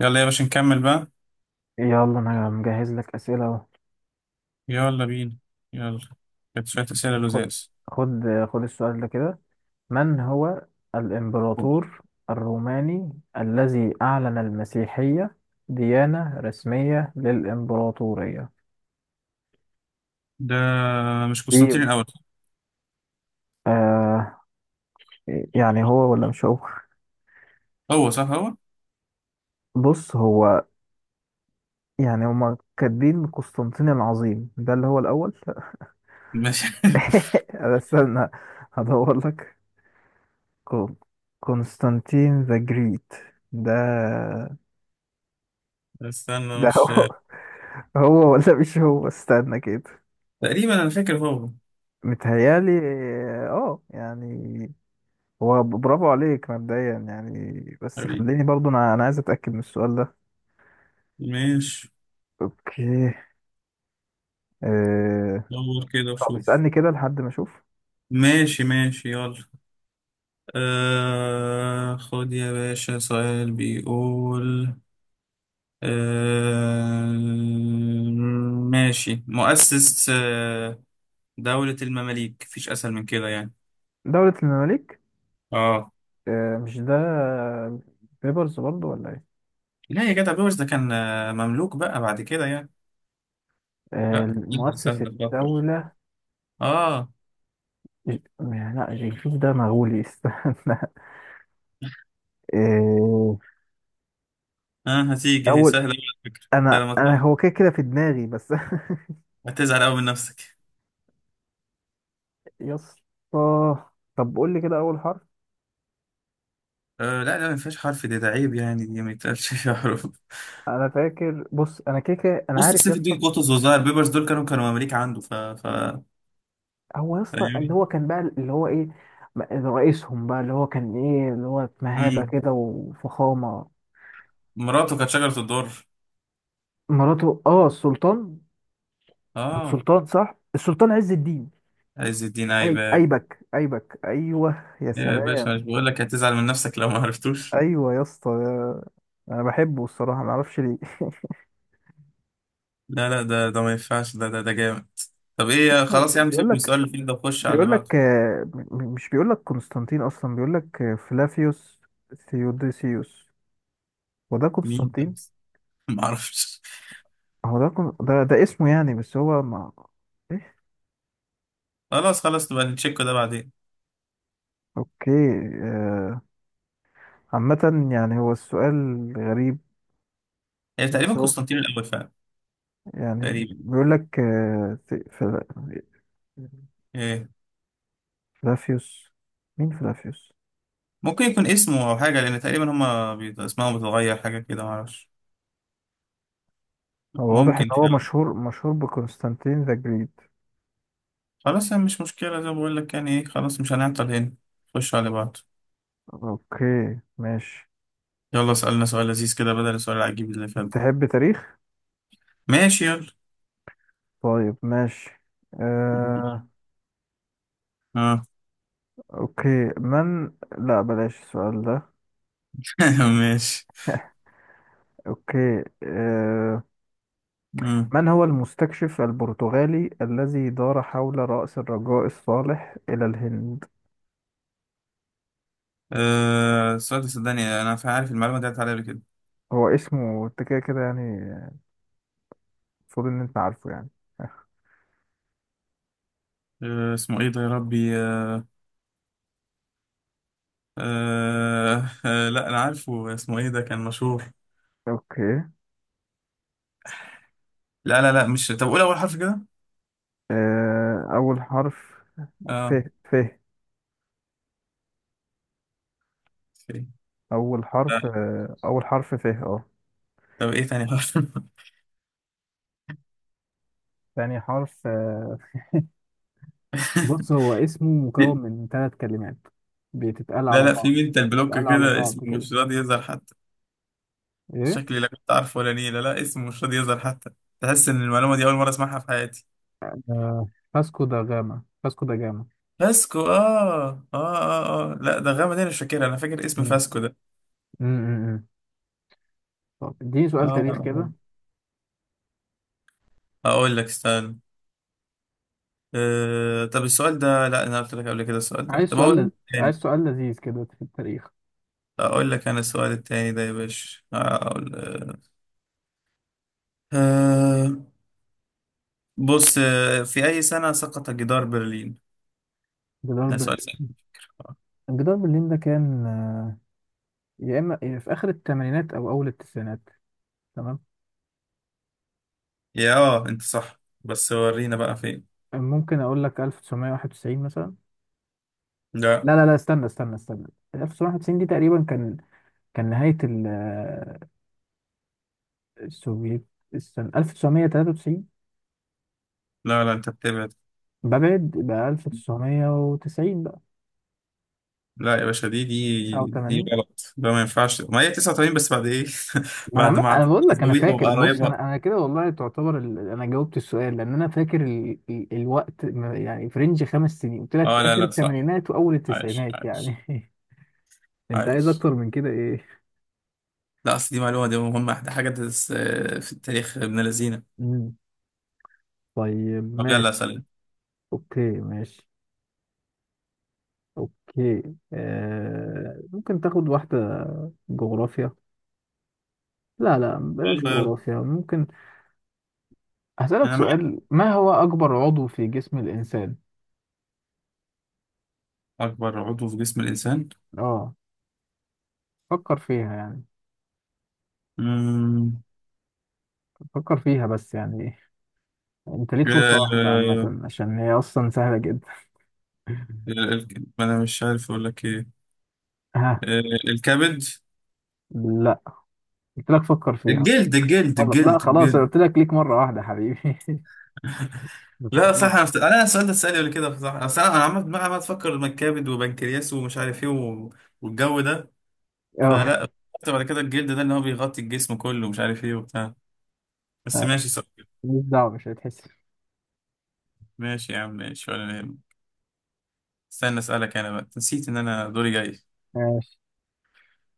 يلا يا باشا نكمل بقى. يلا انا مجهز لك اسئله اهو. يلا بينا. يلا، كانت شوية أسئلة خد لزاز. خد خد السؤال ده كده. من هو الامبراطور الروماني الذي اعلن المسيحيه ديانه رسميه للامبراطوريه؟ ده مش دي قسطنطين الأول؟ آه يعني هو ولا مش هو؟ هو، صح هو. بص هو، يعني هما كاتبين قسطنطين العظيم ده اللي هو الاول. ماشي. أنا استنى هدور لك. كون- قسطنطين ذا جريت، ده استنى، ده مش هو هو ولا مش هو؟ استنى كده. تقريبا أنا فاكر هو. متهيالي، اه يعني هو، برافو عليك مبدئيا يعني، بس حبيبي خليني برضو انا عايز اتاكد من السؤال ده. ماشي. اوكي آه... دور كده طب وشوف. اسالني كده لحد ما اشوف. ماشي ماشي يلا. خد يا باشا سؤال بيقول. آه ماشي، مؤسس دولة المماليك، مفيش أسهل من كده يعني. دولة المماليك؟ اه آه، مش ده بيبرز برضو ولا ايه؟ لا يا جدع، بيوش ده كان مملوك بقى بعد كده يعني. لا آه أكيد مؤسس سهل تفكر. الدولة. اه لا جنكيز ده مغولي. استنى آه... اه، هتيجي هي اول، سهلة على فكرة انت انا لما انا تقول هو كده في دماغي بس. هتزعل قوي من نفسك. يا اسطى طب قول لي كده اول حرف. آه لا لا، ما فيهاش حرف دي، ده عيب يعني، دي ما يتقالش فيها حروف. انا فاكر، بص انا كده انا بص عارف يا سيف اسطى. الدين قطز وظاهر بيبرس دول كانوا مماليك عنده ف هو يا اسطى اللي فاهمني. هو كان بقى اللي هو ايه؟ م- رئيسهم بقى اللي هو كان ايه، اللي هو مهابة امم كده وفخامة. مراته كانت شجرة الدر. مراته، اه السلطان. كان اه، سلطان، صح، السلطان عز الدين. عز الدين اي ايبك. ايبك ايوه يا يا باشا مش سلام. بقول لك هتزعل من نفسك لو ما عرفتوش. ايوه يا اسطى انا بحبه الصراحة، ما اعرفش ليه. لا لا ده ما ينفعش، ده جامد. طب ايه، بس خلاص يا عم بيقول سيبك من لك، السؤال اللي فيه ده وخش على اللي بعده. مش بيقول لك قسطنطين اصلا، بيقول لك فلافيوس ثيوديسيوس. هو ده مين ده؟ قسطنطين؟ ما اعرفش. هو ده ده اسمه يعني، بس هو ما ايه. خلاص خلاص نبقى نتشيك ده بعدين. اوكي آه، عامة يعني هو السؤال غريب. يعني تقريبا بس هو قسطنطين الاول فعلا. يعني تقريبا بيقول لك إيه. فلافيوس. مين فلافيوس؟ ممكن يكون اسمه او حاجه، لان تقريبا هما بيت اسمائهم بتتغير حاجه كده، ما اعرفش. هو واضح ان ممكن هو فعلا. مشهور بقسطنطين ذا جريت. خلاص يعني مش مشكله زي ما بقول لك يعني، ايه خلاص مش هنعطل هنا. خش على بعض. اوكي ماشي. يلا اسالنا سؤال لذيذ كده بدل السؤال العجيب اللي فات ده. تحب تاريخ؟ ماشي يلا. طيب ماشي آه اه. اوكي. من، لا بلاش السؤال ده. ماشي. اوكي مم. من هو المستكشف البرتغالي الذي دار حول رأس الرجاء الصالح إلى الهند؟ السؤال ده صدقني انا عارف المعلومه دي، عدت عليا قبل كده. هو اسمه انت كده يعني، المفروض ان انت عارفه يعني. آه اسمه ايه ده يا ربي، آه آه لا انا عارفه، اسمه ايه ده، كان مشهور. اوكي لا لا لا مش، طب قول اول حرف كده. اول حرف ف اه، ف في. اول لا. حرف اول حرف ف اه. طب ايه تاني حرف؟ تاني حرف بص هو اسمه مكون في- من ثلاث كلمات بتتقال لا على لا، في بعض. منتال بلوك بتتقال على كده، اسمه بعض كده. مش راضي يظهر حتى. ايه شكلي لا كنت عارفه ولا نيلة، لا اسمه مش راضي يظهر حتى. تحس ان المعلومه دي اول مره اسمعها في حياتي. آه، فاسكو دا جاما، فاسكو دا جاما. فاسكو، اه اه اه اه، لا ده غامض انا مش فاكرها، انا فاكر اسم مم. فاسكو ده. مم، مم، مم. طب اديني سؤال تاريخ كده. اه، اقول لك استنى. آه طب السؤال ده، لا انا قلت لك قبل كده السؤال ده، عايز طب اقول سؤال، لك. عايز سؤال لذيذ كده في التاريخ. اقول لك انا السؤال التاني ده يا باشا، اقول أه. بص في اي سنة سقط جدار برلين؟ جدار ده بر... سؤال سهل. جدار برلين ده كان يا اما في اخر الثمانينات او اول التسعينات. تمام، يا اه انت صح، بس ورينا بقى فين. ممكن اقول لك 1991 مثلا. لا لا استنى. 1991 دي تقريبا كان، كان نهاية السوفييت. استنى 1993. لا لا انت بتبعد. ببعد؟ يبقى 1990 بقى. لا يا باشا، دي 89؟ غلط، ده ما ينفعش، ما هي 89 بس بعد ايه. ما انا بعد عم... ما انا عديت بقول لك انا زاويها فاكر، بص انا وقريبها. انا كده والله، تعتبر انا جاوبت السؤال، لان انا فاكر الوقت يعني في رينج خمس سنين، قلت لك في اه لا اخر لا صح، الثمانينات واول عايش التسعينات يعني. عايش انت عايز عايش. اكتر من كده ايه؟ لا اصل دي معلومة، دي مهمة، دي حاجة تدرس في التاريخ ابن لذينة. مم. طيب طب يلا ماشي. سلام. اوكي ماشي. اوكي ممكن تاخد واحدة جغرافيا؟ لا لا بلاش يلا يلا. جغرافيا. ممكن هسألك انا معاك. سؤال، ما هو اكبر عضو في جسم الانسان؟ أكبر عضو في جسم الإنسان؟ اه فكر فيها يعني، مم. فكر فيها بس يعني. انت ليك فرصة واحدة آه، عامة، عشان هي اصلا سهلة جدا. ما أنا مش عارف أقول لك إيه. ها؟ آه، الكبد. لا، قلت لك فكر فيها. الجلد الجلد غلط، لا الجلد خلاص، أنا الجلد. قلت لك ليك مرة واحدة حبيبي. لا صح، خلاص أنا السؤال ده اتسألني قبل كده صح، أصل أنا عمال دماغي عمال تفكر، ما الكبد وبنكرياس ومش عارف إيه و والجو ده. اه، فلا افتكرت بعد كده الجلد ده إن هو بيغطي الجسم كله ومش عارف إيه وبتاع. بس ماشي صح. مش دعوة، مش هتحس. ماشي يا عم ماشي، ولا يهمك. استنى أسألك، أنا بقى نسيت إن أنا دوري جاي. ماشي.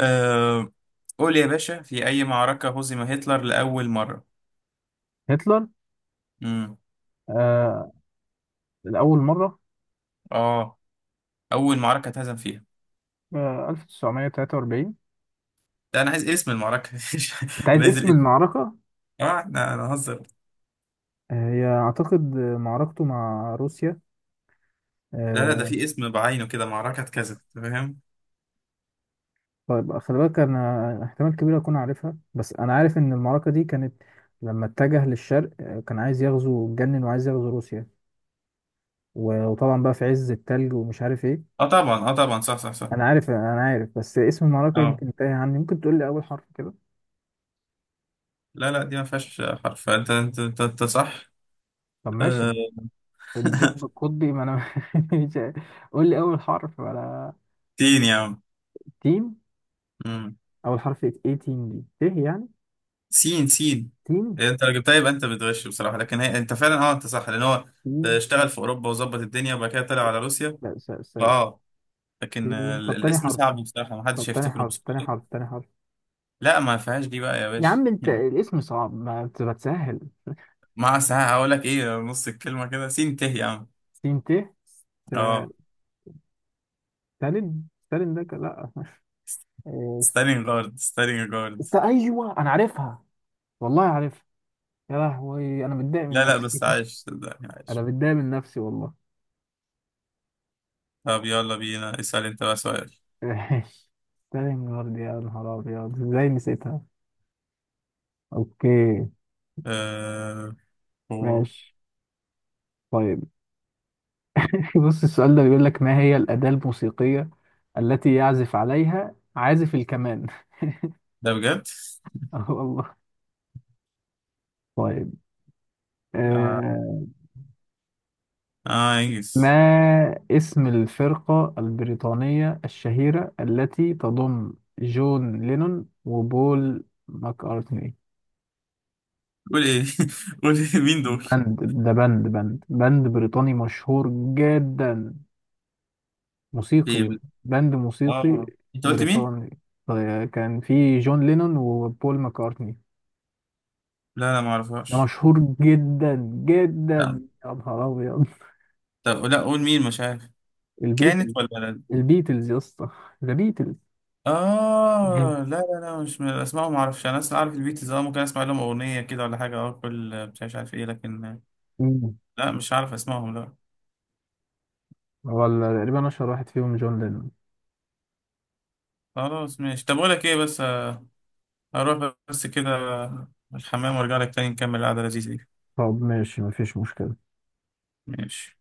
أه. قول يا باشا، في أي معركة هزم هتلر لأول مرة؟ هتلر امم آه الأول مرة؟ اه، أول معركة اتهزم فيها. 1943. ده أنا عايز اسم المعركة، أنت عايز أنا عايز اسم الاسم. المعركة؟ اه احنا أنا هزر. هي أعتقد معركته مع روسيا. لا لا، ده آه، في اسم بعينه كده، معركة كذا، أنت فاهم؟ طيب خلي بالك انا احتمال كبير اكون عارفها، بس انا عارف ان المعركه دي كانت لما اتجه للشرق. كان عايز يغزو، اتجنن وعايز يغزو روسيا، وطبعا بقى في عز التلج ومش عارف ايه. اه طبعا اه طبعا صح صح صح. انا عارف بس اسم المعركه اه يمكن تايه عني. ممكن تقول لي اول حرف كده؟ لا لا، دي ما فيهاش حرف. انت صح. طب ماشي. أه. الدب القطبي، ما انا مش عارف. قول لي اول حرف ولا؟ سين يا عم. تيم. مم. اول حرف ايه؟ تيم دي ت يعني؟ سين سين. تيم. إيه، انت لو جبتها يبقى انت بتغش بصراحة، لكن هي انت فعلا، اه انت صح، لأن هو تيم؟ اشتغل في أوروبا وظبط الدنيا وبعد كده طلع على روسيا. لا، س س. اه لكن تيم؟ طب تاني الاسم حرف؟ صعب بصراحة، ما طب حدش تاني هيفتكره حرف تاني بسهولة. حرف تاني حرف لا ما فيهاش دي بقى يا يا باشا. عم انت الاسم صعب، ما بتسهل. مع ساعة هقول لك ايه، نص الكلمة كده، سين ته يا عم. سين ت. اه، ست- ستالين؟ ستالين ده كان، لا. إيه، ستارينج جارد، ستارينج جارد. است، ايوه انا عارفها، والله عارفها. يا لهوي انا متضايق من لا لا بس نفسي. عايش، صدقني انا عايش. متضايق من نفسي والله. طب يلا بينا اسأل انت بقى سؤال. ماشي، ستالين جارد، يا نهار ابيض ازاي نسيتها. اوكي آه. هو. ماشي طيب. بص السؤال ده بيقول لك، ما هي الاداة الموسيقية التي يعزف عليها عازف الكمان؟ ده بجد؟ والله. طيب اه. آه، ما انجز. اسم الفرقة البريطانية الشهيرة التي تضم جون لينون وبول ماكارتني؟ قول ايه، قول ايه مين دول؟ باند، ده باند بريطاني مشهور جدا، ايه موسيقي. بس؟ باند موسيقي اه انت قلت مين؟ بريطاني كان في جون لينون وبول ماكارتني. لا لا ما ده اعرفهاش. مشهور جدا لا. جدا، يا نهار أبيض. طب لا قول، مين مش عارف؟ كانت البيتلز، ولا لا؟ البيتلز يا اسطى، ذا بيتلز. اه لا لا لا مش من الاسماء، ما اعرفش، انا اصلا عارف البيتلز، اه ممكن اسمع لهم اغنيه كده ولا حاجه، اه كل مش عارف عارف ايه، لكن لا مش عارف اسمائهم لا. ولا تقريبا أشهر واحد فيهم جون لينون. خلاص ماشي، طب اقول لك ايه بس، اروح بس كده الحمام وارجع لك تاني نكمل القعده اللذيذه دي. طب ماشي مفيش مشكلة. ماشي.